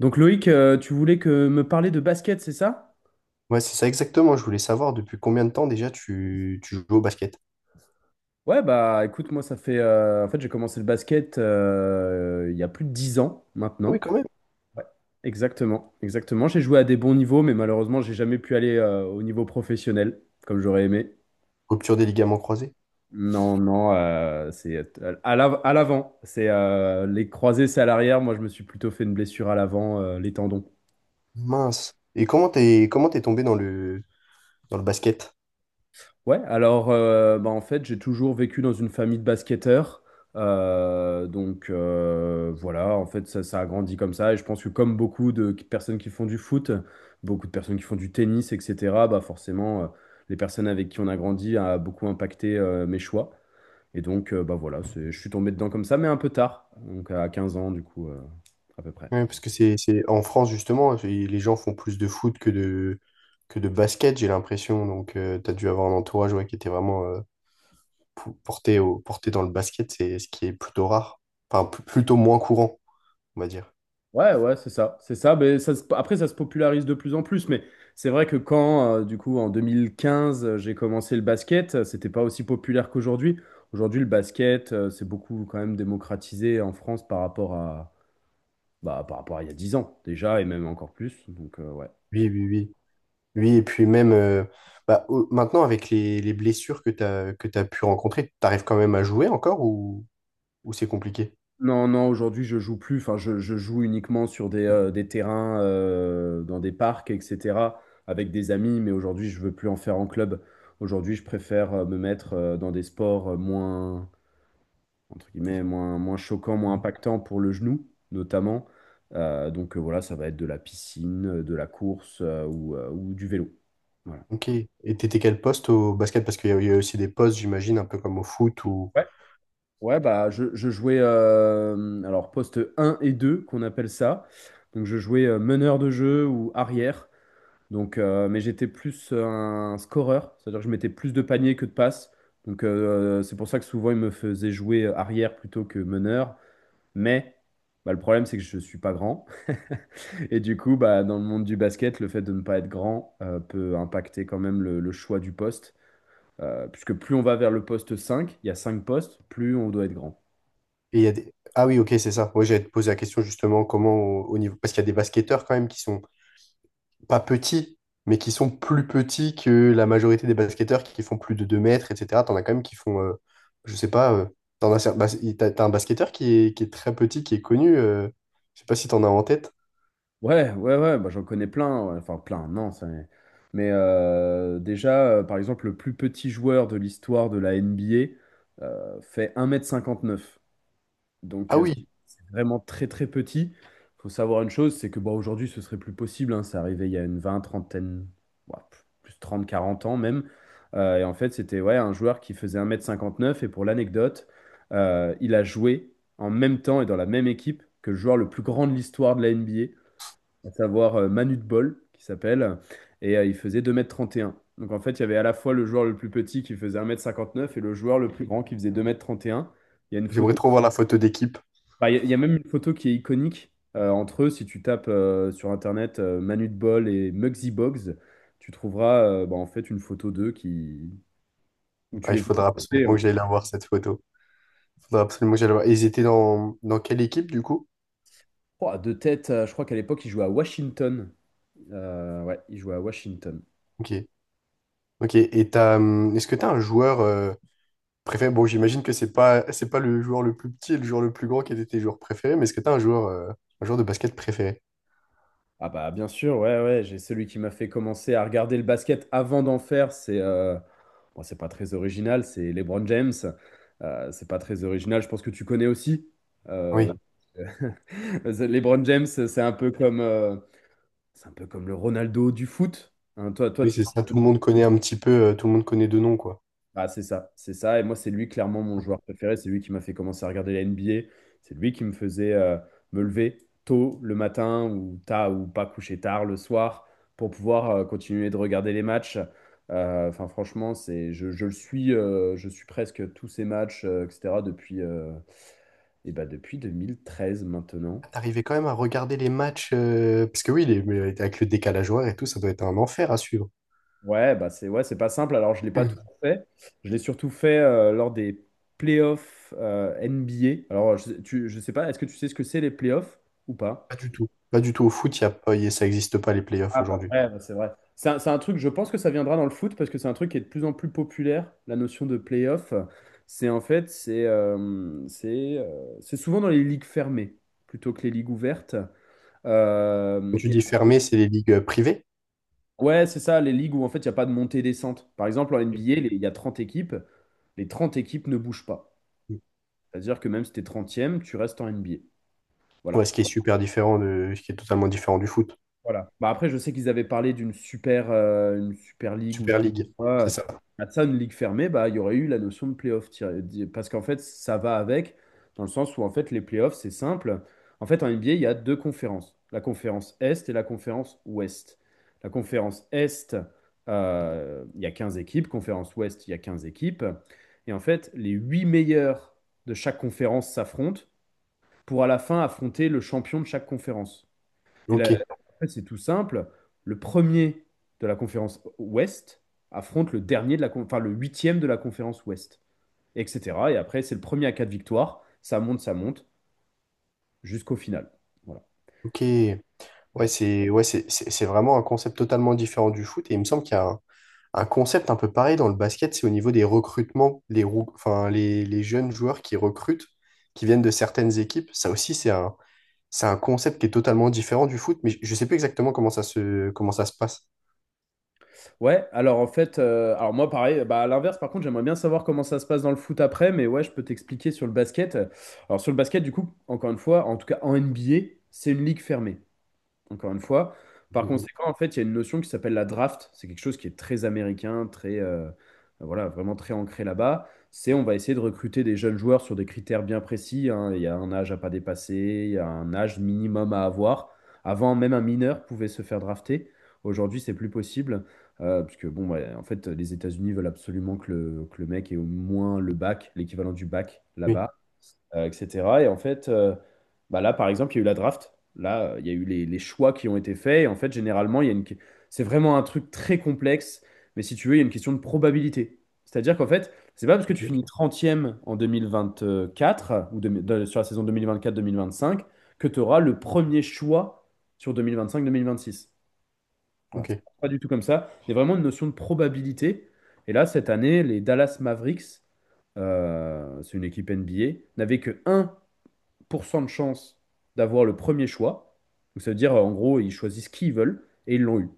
Donc Loïc, tu voulais que me parler de basket, c'est ça? Ouais, c'est ça exactement. Je voulais savoir depuis combien de temps déjà tu joues au basket. Ouais, bah écoute, moi en fait, j'ai commencé le basket il y a plus de 10 ans Ah oui, maintenant. quand même. Ouais. Exactement, exactement. J'ai joué à des bons niveaux, mais malheureusement, j'ai jamais pu aller au niveau professionnel, comme j'aurais aimé. Rupture des ligaments croisés. Non, non, c'est à l'avant. C'est les croisés, c'est à l'arrière. Moi, je me suis plutôt fait une blessure à l'avant, les tendons. Mince. Et comment t'es tombé dans le basket? Ouais, alors bah, en fait, j'ai toujours vécu dans une famille de basketteurs. Voilà, en fait, ça a grandi comme ça. Et je pense que comme beaucoup de personnes qui font du foot, beaucoup de personnes qui font du tennis, etc., bah forcément, les personnes avec qui on a grandi a beaucoup impacté mes choix. Et donc, bah voilà, je suis tombé dedans comme ça, mais un peu tard, donc à 15 ans, du coup, à peu près. Ouais, parce que c'est en France justement, les gens font plus de foot que de basket, j'ai l'impression. Donc tu t'as dû avoir un entourage, ouais, qui était vraiment, porté au porté dans le basket, c'est ce qui est plutôt rare. Enfin, plutôt moins courant, on va dire. Ouais, ouais, c'est ça, c'est ça. Mais après, ça se popularise de plus en plus. Mais c'est vrai que quand, du coup, en 2015, j'ai commencé le basket, c'était pas aussi populaire qu'aujourd'hui. Aujourd'hui, le basket, c'est beaucoup quand même démocratisé en France par rapport à, bah, par rapport à il y a 10 ans déjà, et même encore plus. Donc, ouais. Oui, oui, oui. Oui, et puis même, bah, maintenant, avec les blessures que tu as pu rencontrer, tu arrives quand même à jouer encore, ou c'est compliqué? Non, non, aujourd'hui, je joue plus. Enfin, je joue uniquement sur des terrains, dans des parcs, etc., avec des amis. Mais aujourd'hui, je veux plus en faire en club. Aujourd'hui, je préfère me mettre dans des sports moins entre guillemets, moins, moins choquant, moins impactant pour le genou, notamment. Voilà, ça va être de la piscine, de la course ou du vélo. Voilà. Ok. Et t'étais quel poste au basket? Parce qu'il y a aussi des postes, j'imagine, un peu comme au foot ou. Ouais. Ouais, bah je jouais alors poste un et 2 qu'on appelle ça. Donc je jouais meneur de jeu ou arrière. Donc mais j'étais plus un scoreur c'est-à-dire que je mettais plus de paniers que de passes. Donc c'est pour ça que souvent ils me faisaient jouer arrière plutôt que meneur. Mais bah, le problème, c'est que je ne suis pas grand. Et du coup, bah, dans le monde du basket, le fait de ne pas être grand peut impacter quand même le choix du poste. Puisque plus on va vers le poste cinq, il y a 5 postes, plus on doit être grand. Et il y a des... Ah oui, ok, c'est ça. Moi, j'allais te poser la question justement comment au, au niveau. Parce qu'il y a des basketteurs quand même qui sont pas petits, mais qui sont plus petits que la majorité des basketteurs qui font plus de 2 mètres, etc. T'en as quand même qui font, je sais pas, t'en as, cer- bas- t'as un basketteur qui est très petit, qui est connu, je sais pas si t'en as en tête. Ouais, ouais, ouais, bah, j'en connais plein. Ouais. Enfin, plein, non. Mais déjà, par exemple, le plus petit joueur de l'histoire de la NBA fait 1,59 m. Donc, Ah oui, c'est vraiment très, très petit. Il faut savoir une chose, c'est que bon, aujourd'hui, ce serait plus possible. Hein. C'est arrivé il y a une trentaine, ouais, plus 30 40 ans même. Et en fait, c'était ouais, un joueur qui faisait 1,59 m. Et pour l'anecdote, il a joué en même temps et dans la même équipe que le joueur le plus grand de l'histoire de la NBA, à savoir Manute Bol qui s'appelle. Et il faisait 2,31 m. Donc en fait, il y avait à la fois le joueur le plus petit qui faisait 1,59 m et le joueur le plus grand qui faisait 2,31 m. Il y a une j'aimerais photo. trop voir la photo d'équipe. Bah, il y a même une photo qui est iconique entre eux. Si tu tapes sur Internet Manute Bol et Muggsy Bogues, tu trouveras bah, en fait une photo d'eux qui où tu Ah, les il vois à faudra côté. absolument que j'aille la voir, cette photo. Il faudra absolument que j'aille la voir. Et ils étaient dans, dans quelle équipe, du coup? Oh, de tête, je crois qu'à l'époque, ils jouaient à Washington. Ouais, ils jouaient à Washington. Ok. Ok. Et t'as, est-ce que t'as un joueur, préféré? Bon, j'imagine que c'est pas le joueur le plus petit et le joueur le plus grand qui était tes joueurs préférés, mais est-ce que t'as un joueur de basket préféré? Ah bah bien sûr, ouais, ouais, j'ai celui qui m'a fait commencer à regarder le basket avant d'en faire, bon, c'est pas très original, c'est LeBron James. C'est pas très original, je pense que tu connais aussi. Euh, Oui, LeBron James, c'est un peu comme le Ronaldo du foot. Hein, toi, oui, tu. c'est ça. Tout le monde connaît un petit peu, tout le monde connaît de nom, quoi. Ah, c'est ça, c'est ça. Et moi, c'est lui clairement mon joueur préféré. C'est lui qui m'a fait commencer à regarder la NBA. C'est lui qui me faisait me lever tôt le matin ou tard ou pas coucher tard le soir pour pouvoir continuer de regarder les matchs. Enfin, franchement, je le suis, je suis presque tous ces matchs, etc. depuis, eh ben, depuis 2013 maintenant. Ah, t'arrivais quand même à regarder les matchs, parce que oui, les, mais avec le décalage horaire et tout, ça doit être un enfer à suivre. Ouais, bah c'est ouais, c'est pas simple. Alors, je l'ai pas tout Hmm. fait. Je l'ai surtout fait lors des playoffs NBA. Alors, je sais pas, est-ce que tu sais ce que c'est les playoffs ou pas? Pas du tout. Pas du tout. Au foot, y a pas, ça n'existe pas, les playoffs Ah bah aujourd'hui. ouais, bah, c'est vrai. C'est un truc, je pense que ça viendra dans le foot parce que c'est un truc qui est de plus en plus populaire, la notion de playoff. C'est en fait, c'est souvent dans les ligues fermées plutôt que les ligues ouvertes. Quand Euh, tu dis fermé, c'est les ligues, privées. Ouais, c'est ça, les ligues où en fait il n'y a pas de montée-descente. Par exemple, en Hmm. NBA, il y a 30 équipes, les 30 équipes ne bougent pas. C'est-à-dire que même si tu es 30, tu restes en NBA. Voilà. Ouais, ce qui est super ce qui est totalement différent du foot. Voilà. Bah après, je sais qu'ils avaient parlé d'une une super ligue ou je Super sais pas League, c'est quoi. ça. À ça, une ligue fermée, bah, il y aurait eu la notion de playoff. Parce qu'en fait, ça va avec, dans le sens où en fait, les playoffs, c'est simple. En fait, en NBA, il y a deux conférences, la conférence Est et la conférence Ouest. La conférence Est, il y a 15 équipes. Conférence Ouest, il y a 15 équipes. Et en fait, les huit meilleurs de chaque conférence s'affrontent pour à la fin affronter le champion de chaque conférence. Et là, Ok, en fait, c'est tout simple. Le premier de la conférence Ouest affronte le dernier de enfin, le huitième de la conférence Ouest, etc. Et après, c'est le premier à quatre victoires. Ça monte, jusqu'au final. Voilà. ok. Ouais, c'est vraiment un concept totalement différent du foot. Et il me semble qu'il y a un concept un peu pareil dans le basket, c'est au niveau des recrutements, enfin, les jeunes joueurs qui recrutent, qui viennent de certaines équipes. Ça aussi, c'est un concept qui est totalement différent du foot, mais je ne sais plus exactement comment ça se passe. Ouais, alors en fait, alors moi pareil, bah à l'inverse, par contre, j'aimerais bien savoir comment ça se passe dans le foot après, mais ouais, je peux t'expliquer sur le basket. Alors sur le basket, du coup, encore une fois, en tout cas en NBA, c'est une ligue fermée. Encore une fois. Par Mm. conséquent, en fait, il y a une notion qui s'appelle la draft. C'est quelque chose qui est très américain, voilà, vraiment très ancré là-bas. C'est on va essayer de recruter des jeunes joueurs sur des critères bien précis. Hein. Il y a un âge à pas dépasser, il y a un âge minimum à avoir. Avant, même un mineur pouvait se faire drafter. Aujourd'hui, c'est plus possible. Parce que, bon, ouais, en fait, les États-Unis veulent absolument que que le mec ait au moins le bac, l'équivalent du bac Oui, là-bas etc. Et en fait, bah là, par exemple, il y a eu la draft. Là, il y a eu les choix qui ont été faits. Et en fait, généralement, il y a une c'est vraiment un truc très complexe. Mais si tu veux, il y a une question de probabilité. C'est-à-dire qu'en fait, c'est pas parce que tu ok. finis trentième en 2024 ou sur la saison deux deux mille vingt-quatre-deux mille vingt quatre vingt cinq que tu auras le premier choix sur deux deux mille vingt-cinq-deux mille vingt cinq vingt six. Voilà, c'est Ok. pas du tout comme ça. Il y a vraiment une notion de probabilité. Et là, cette année, les Dallas Mavericks, c'est une équipe NBA, n'avaient que 1% de chance d'avoir le premier choix. Donc ça veut dire, en gros, ils choisissent qui ils veulent et ils l'ont eu.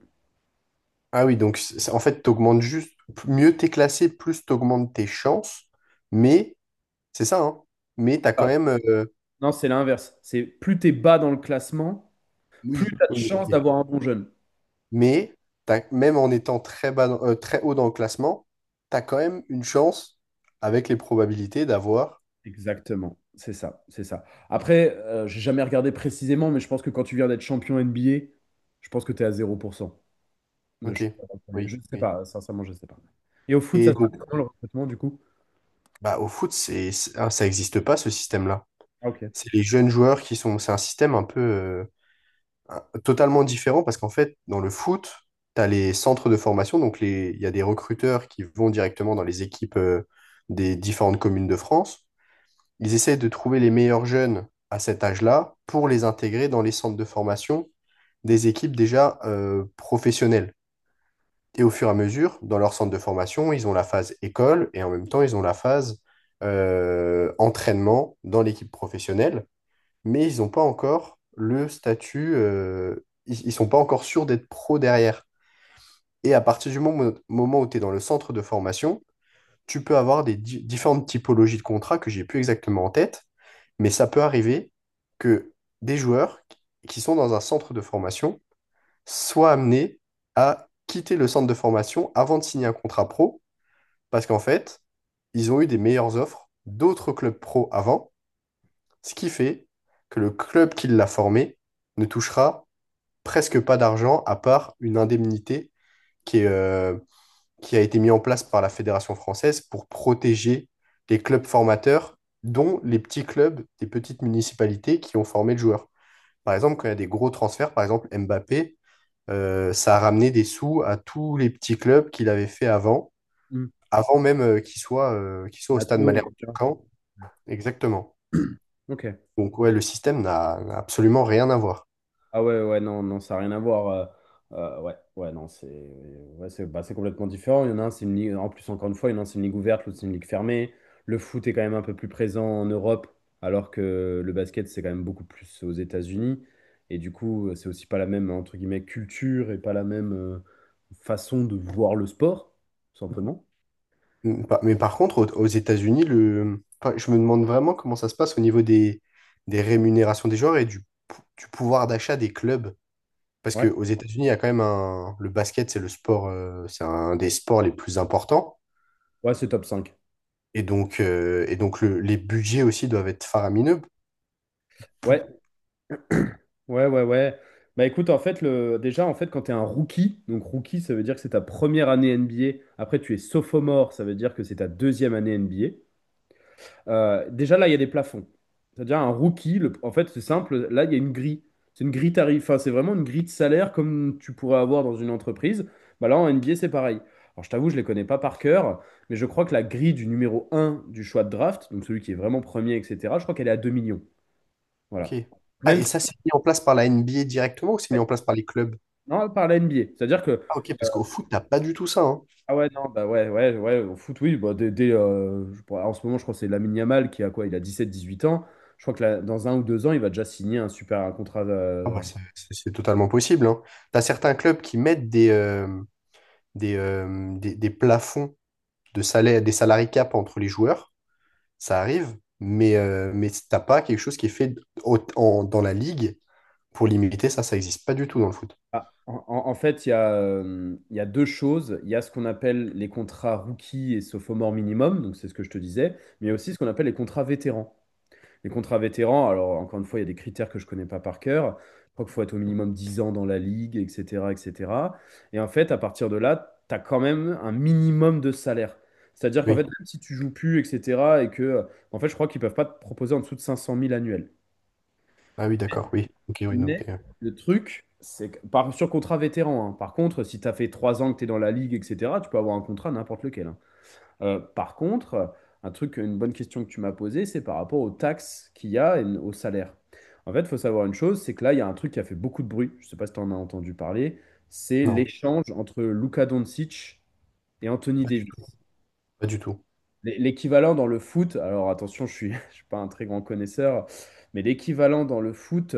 Ah oui, donc en fait, tu juste, mieux t'es classé, plus tu tes chances, mais c'est ça, hein, mais t'as quand Alors, même... non, c'est l'inverse. C'est plus t'es bas dans le classement, plus oui, t'as de oui, chance ok. d'avoir un bon jeune. Mais même en étant très haut dans le classement, tu as quand même une chance avec les probabilités d'avoir. Exactement. C'est ça, c'est ça. Après, j'ai jamais regardé précisément, mais je pense que quand tu viens d'être champion NBA, je pense que tu es à 0% de Ok, chance. D'avoir le premier. Je oui, ne sais oui. pas, sincèrement, je ne sais pas. Et au foot, ça Et se passe donc, comment le recrutement du coup? bah, au foot, ah, ça n'existe pas, ce système-là. Ah, ok. C'est les jeunes joueurs qui sont. C'est un système un peu, totalement différent parce qu'en fait, dans le foot, tu as les centres de formation. Donc, les, il y a des recruteurs qui vont directement dans les équipes, des différentes communes de France. Ils essaient de trouver les meilleurs jeunes à cet âge-là pour les intégrer dans les centres de formation des équipes déjà, professionnelles. Et au fur et à mesure, dans leur centre de formation, ils ont la phase école et en même temps, ils ont la phase, entraînement dans l'équipe professionnelle, mais ils n'ont pas encore le statut, ils ne sont pas encore sûrs d'être pro derrière. Et à partir du moment où tu es dans le centre de formation, tu peux avoir des différentes typologies de contrats que j'ai plus exactement en tête, mais ça peut arriver que des joueurs qui sont dans un centre de formation soient amenés à quitter le centre de formation avant de signer un contrat pro, parce qu'en fait, ils ont eu des meilleures offres d'autres clubs pro avant, ce qui fait que le club qui l'a formé ne touchera presque pas d'argent, à part une indemnité qui est, qui a été mis en place par la Fédération française pour protéger les clubs formateurs, dont les petits clubs des petites municipalités qui ont formé le joueur. Par exemple, quand il y a des gros transferts, par exemple Mbappé, ça a ramené des sous à tous les petits clubs qu'il avait fait avant, Hmm. avant même, qu'il soit au stade Nato, Malherbe de etc. Caen. Exactement. Ok. Donc ouais, le système n'a absolument rien à voir. Ah ouais, ouais, non, non, ça n'a rien à voir. Ouais, ouais, non, c'est ouais, c'est bah, c'est complètement différent. Il y en a un, c'est une ligue, en plus, encore une fois, Il y en a un, c'est une ligue ouverte, l'autre, c'est une ligue fermée. Le foot est quand même un peu plus présent en Europe, alors que le basket, c'est quand même beaucoup plus aux États-Unis. Et du coup, c'est aussi pas la même, entre guillemets, culture et pas la même façon de voir le sport, tout simplement. Mm. Mais par contre, aux États-Unis, le... enfin, je me demande vraiment comment ça se passe au niveau des rémunérations des joueurs et du, du pouvoir d'achat des clubs. Parce Ouais, qu'aux États-Unis, il y a quand même un... Le basket, c'est le sport, c'est un des sports les plus importants. ouais, c'est top cinq. Et donc les budgets aussi doivent être faramineux. Ouais, ouais, ouais, ouais. Bah écoute, en fait, déjà, en fait, quand tu es un rookie, donc rookie, ça veut dire que c'est ta première année NBA. Après, tu es sophomore, ça veut dire que c'est ta deuxième année NBA. Déjà, là, il y a des plafonds. C'est-à-dire, un rookie, en fait, c'est simple, là, il y a une grille. C'est une grille tarif. Enfin, c'est vraiment une grille de salaire comme tu pourrais avoir dans une entreprise. Bah là, en NBA, c'est pareil. Alors, je t'avoue, je les connais pas par cœur, mais je crois que la grille du numéro un du choix de draft, donc celui qui est vraiment premier, etc., je crois qu'elle est à 2 millions. Voilà. Ok. Ah, Même et si- ça, c'est mis en place par la NBA directement ou c'est mis en place par les clubs? Non, par la NBA. C'est-à-dire que Ah, ok, parce qu'au foot, t'as pas du tout ça, hein. ah ouais, non, bah ouais, ouais, ouais, au foot, oui. Bah, dès, en ce moment, je crois que c'est Lamine Yamal qui a quoi? Il a 17 18 ans. Je crois que là, dans 1 ou 2 ans, il va déjà signer un super un contrat. Ah, bah, c'est totalement possible, hein. T'as certains clubs qui mettent des, des plafonds de salaire, des salary cap entre les joueurs, ça arrive, mais t'as pas quelque chose qui est fait dans la ligue pour limiter ça, ça existe pas du tout dans le foot. En fait, il y a deux choses. Il y a ce qu'on appelle les contrats rookies et sophomore minimum, donc c'est ce que je te disais, mais il y a aussi ce qu'on appelle les contrats vétérans. Les contrats vétérans, alors encore une fois, il y a des critères que je connais pas par cœur. Je crois qu'il faut être au minimum 10 ans dans la ligue, etc., etc. Et cetera. Et en fait, à partir de là, tu as quand même un minimum de salaire. C'est-à-dire qu'en fait, Oui. même si tu joues plus, etc., et que, en fait, je crois qu'ils peuvent pas te proposer en dessous de 500 000 annuels. Ah oui, d'accord, oui. Ok, oui, Mais le truc, c'est que, par, sur contrat vétéran, hein. Par contre, si tu as fait 3 ans que tu es dans la ligue, etc., tu peux avoir un contrat n'importe lequel, hein. Par contre, un truc, une bonne question que tu m'as posée, c'est par rapport aux taxes qu'il y a et au salaire. En fait, il faut savoir une chose, c'est que là, il y a un truc qui a fait beaucoup de bruit, je ne sais pas si tu en as entendu parler, c'est non, l'échange entre Luka Doncic et Anthony pas du tout. Davis. Pas du tout. L'équivalent dans le foot, alors attention, je suis, je suis pas un très grand connaisseur, mais l'équivalent dans le foot,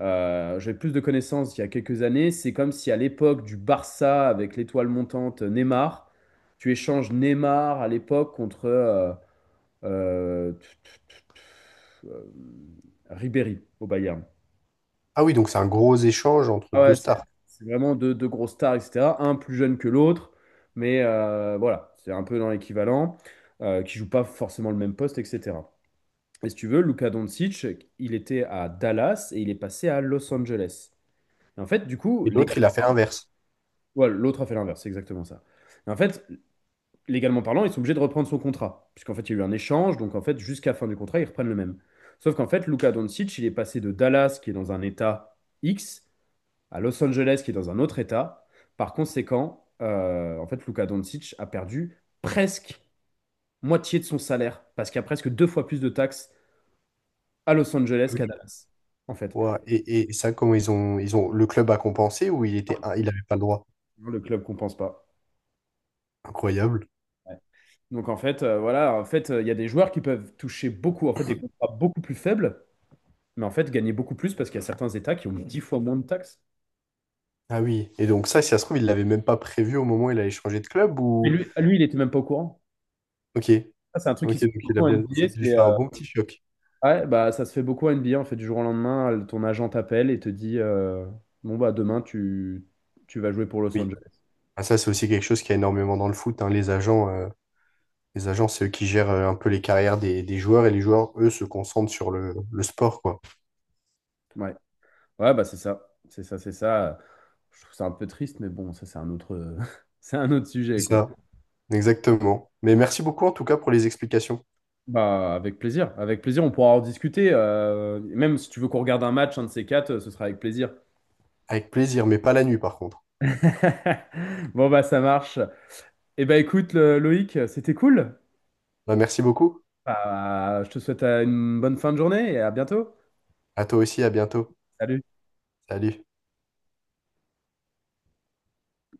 j'avais plus de connaissances il y a quelques années, c'est comme si à l'époque du Barça avec l'étoile montante Neymar, tu échanges Neymar à l'époque contre... euh, tu- tu- tu- euh, Ribéry au Bayern. Ah oui, donc c'est un gros échange entre Ah deux ouais, c'est stars. c'est vraiment deux grosses stars, etc. Un plus jeune que l'autre, mais voilà, c'est un peu dans l'équivalent, qui joue pas forcément le même poste, etc. Et si tu veux, Luka Doncic, il était à Dallas et il est passé à Los Angeles. Et en fait, du coup, Et les l'autre, gars, il a fait inverse. ouais, l'autre a fait l'inverse, c'est exactement ça. Et en fait, légalement parlant, ils sont obligés de reprendre son contrat. Puisqu'en fait, il y a eu un échange, donc en fait, jusqu'à la fin du contrat, ils reprennent le même. Sauf qu'en fait, Luka Doncic, il est passé de Dallas, qui est dans un état X, à Los Angeles, qui est dans un autre état. Par conséquent, en fait, Luka Doncic a perdu presque moitié de son salaire, parce qu'il y a presque deux fois plus de taxes à Los Ah Angeles qu'à oui. Dallas, en fait. Ouah, et, et ça, comment ils ont, le club a compensé ou il était, il avait pas le droit? Le club compense pas. Incroyable. Ouais. Donc en fait, voilà, en fait, il y a des joueurs qui peuvent toucher beaucoup, en fait, des contrats beaucoup plus faibles, mais en fait, gagner beaucoup plus parce qu'il y a certains États qui ont 10 fois moins de taxes. Ah oui. Et donc ça, si ça se trouve, il l'avait même pas prévu au moment où il allait changer de club Et ou. lui, il était même pas au courant. Ok, Ça, c'est un truc qui ok, se fait donc il a beaucoup en bien, ça NBA. a dû C'est, faire un bon petit choc. ouais, bah, ça se fait beaucoup en NBA. En fait, du jour au lendemain, ton agent t'appelle et te dit bon, bah, demain, tu vas jouer pour Los Oui. Angeles. Ah, ça c'est aussi quelque chose qu'il y a énormément dans le foot, hein. Les agents, c'est eux qui gèrent, un peu les carrières des joueurs, et les joueurs, eux, se concentrent sur le sport, quoi. Ouais, ouais bah, c'est ça. C'est ça, c'est ça. Je trouve ça un peu triste, mais bon, ça, c'est un autre, c'est un autre sujet, C'est quoi. ça, exactement. Mais merci beaucoup en tout cas pour les explications. Bah, avec plaisir. Avec plaisir, on pourra en discuter. Même si tu veux qu'on regarde un match, un de ces quatre, ce sera avec plaisir. Avec plaisir, mais pas la nuit par contre. Bon, bah, ça marche. Eh ben écoute, Loïc, c'était cool. Bah, merci beaucoup. Bah, je te souhaite une bonne fin de journée et à bientôt. À toi aussi, à bientôt. Salut. Salut.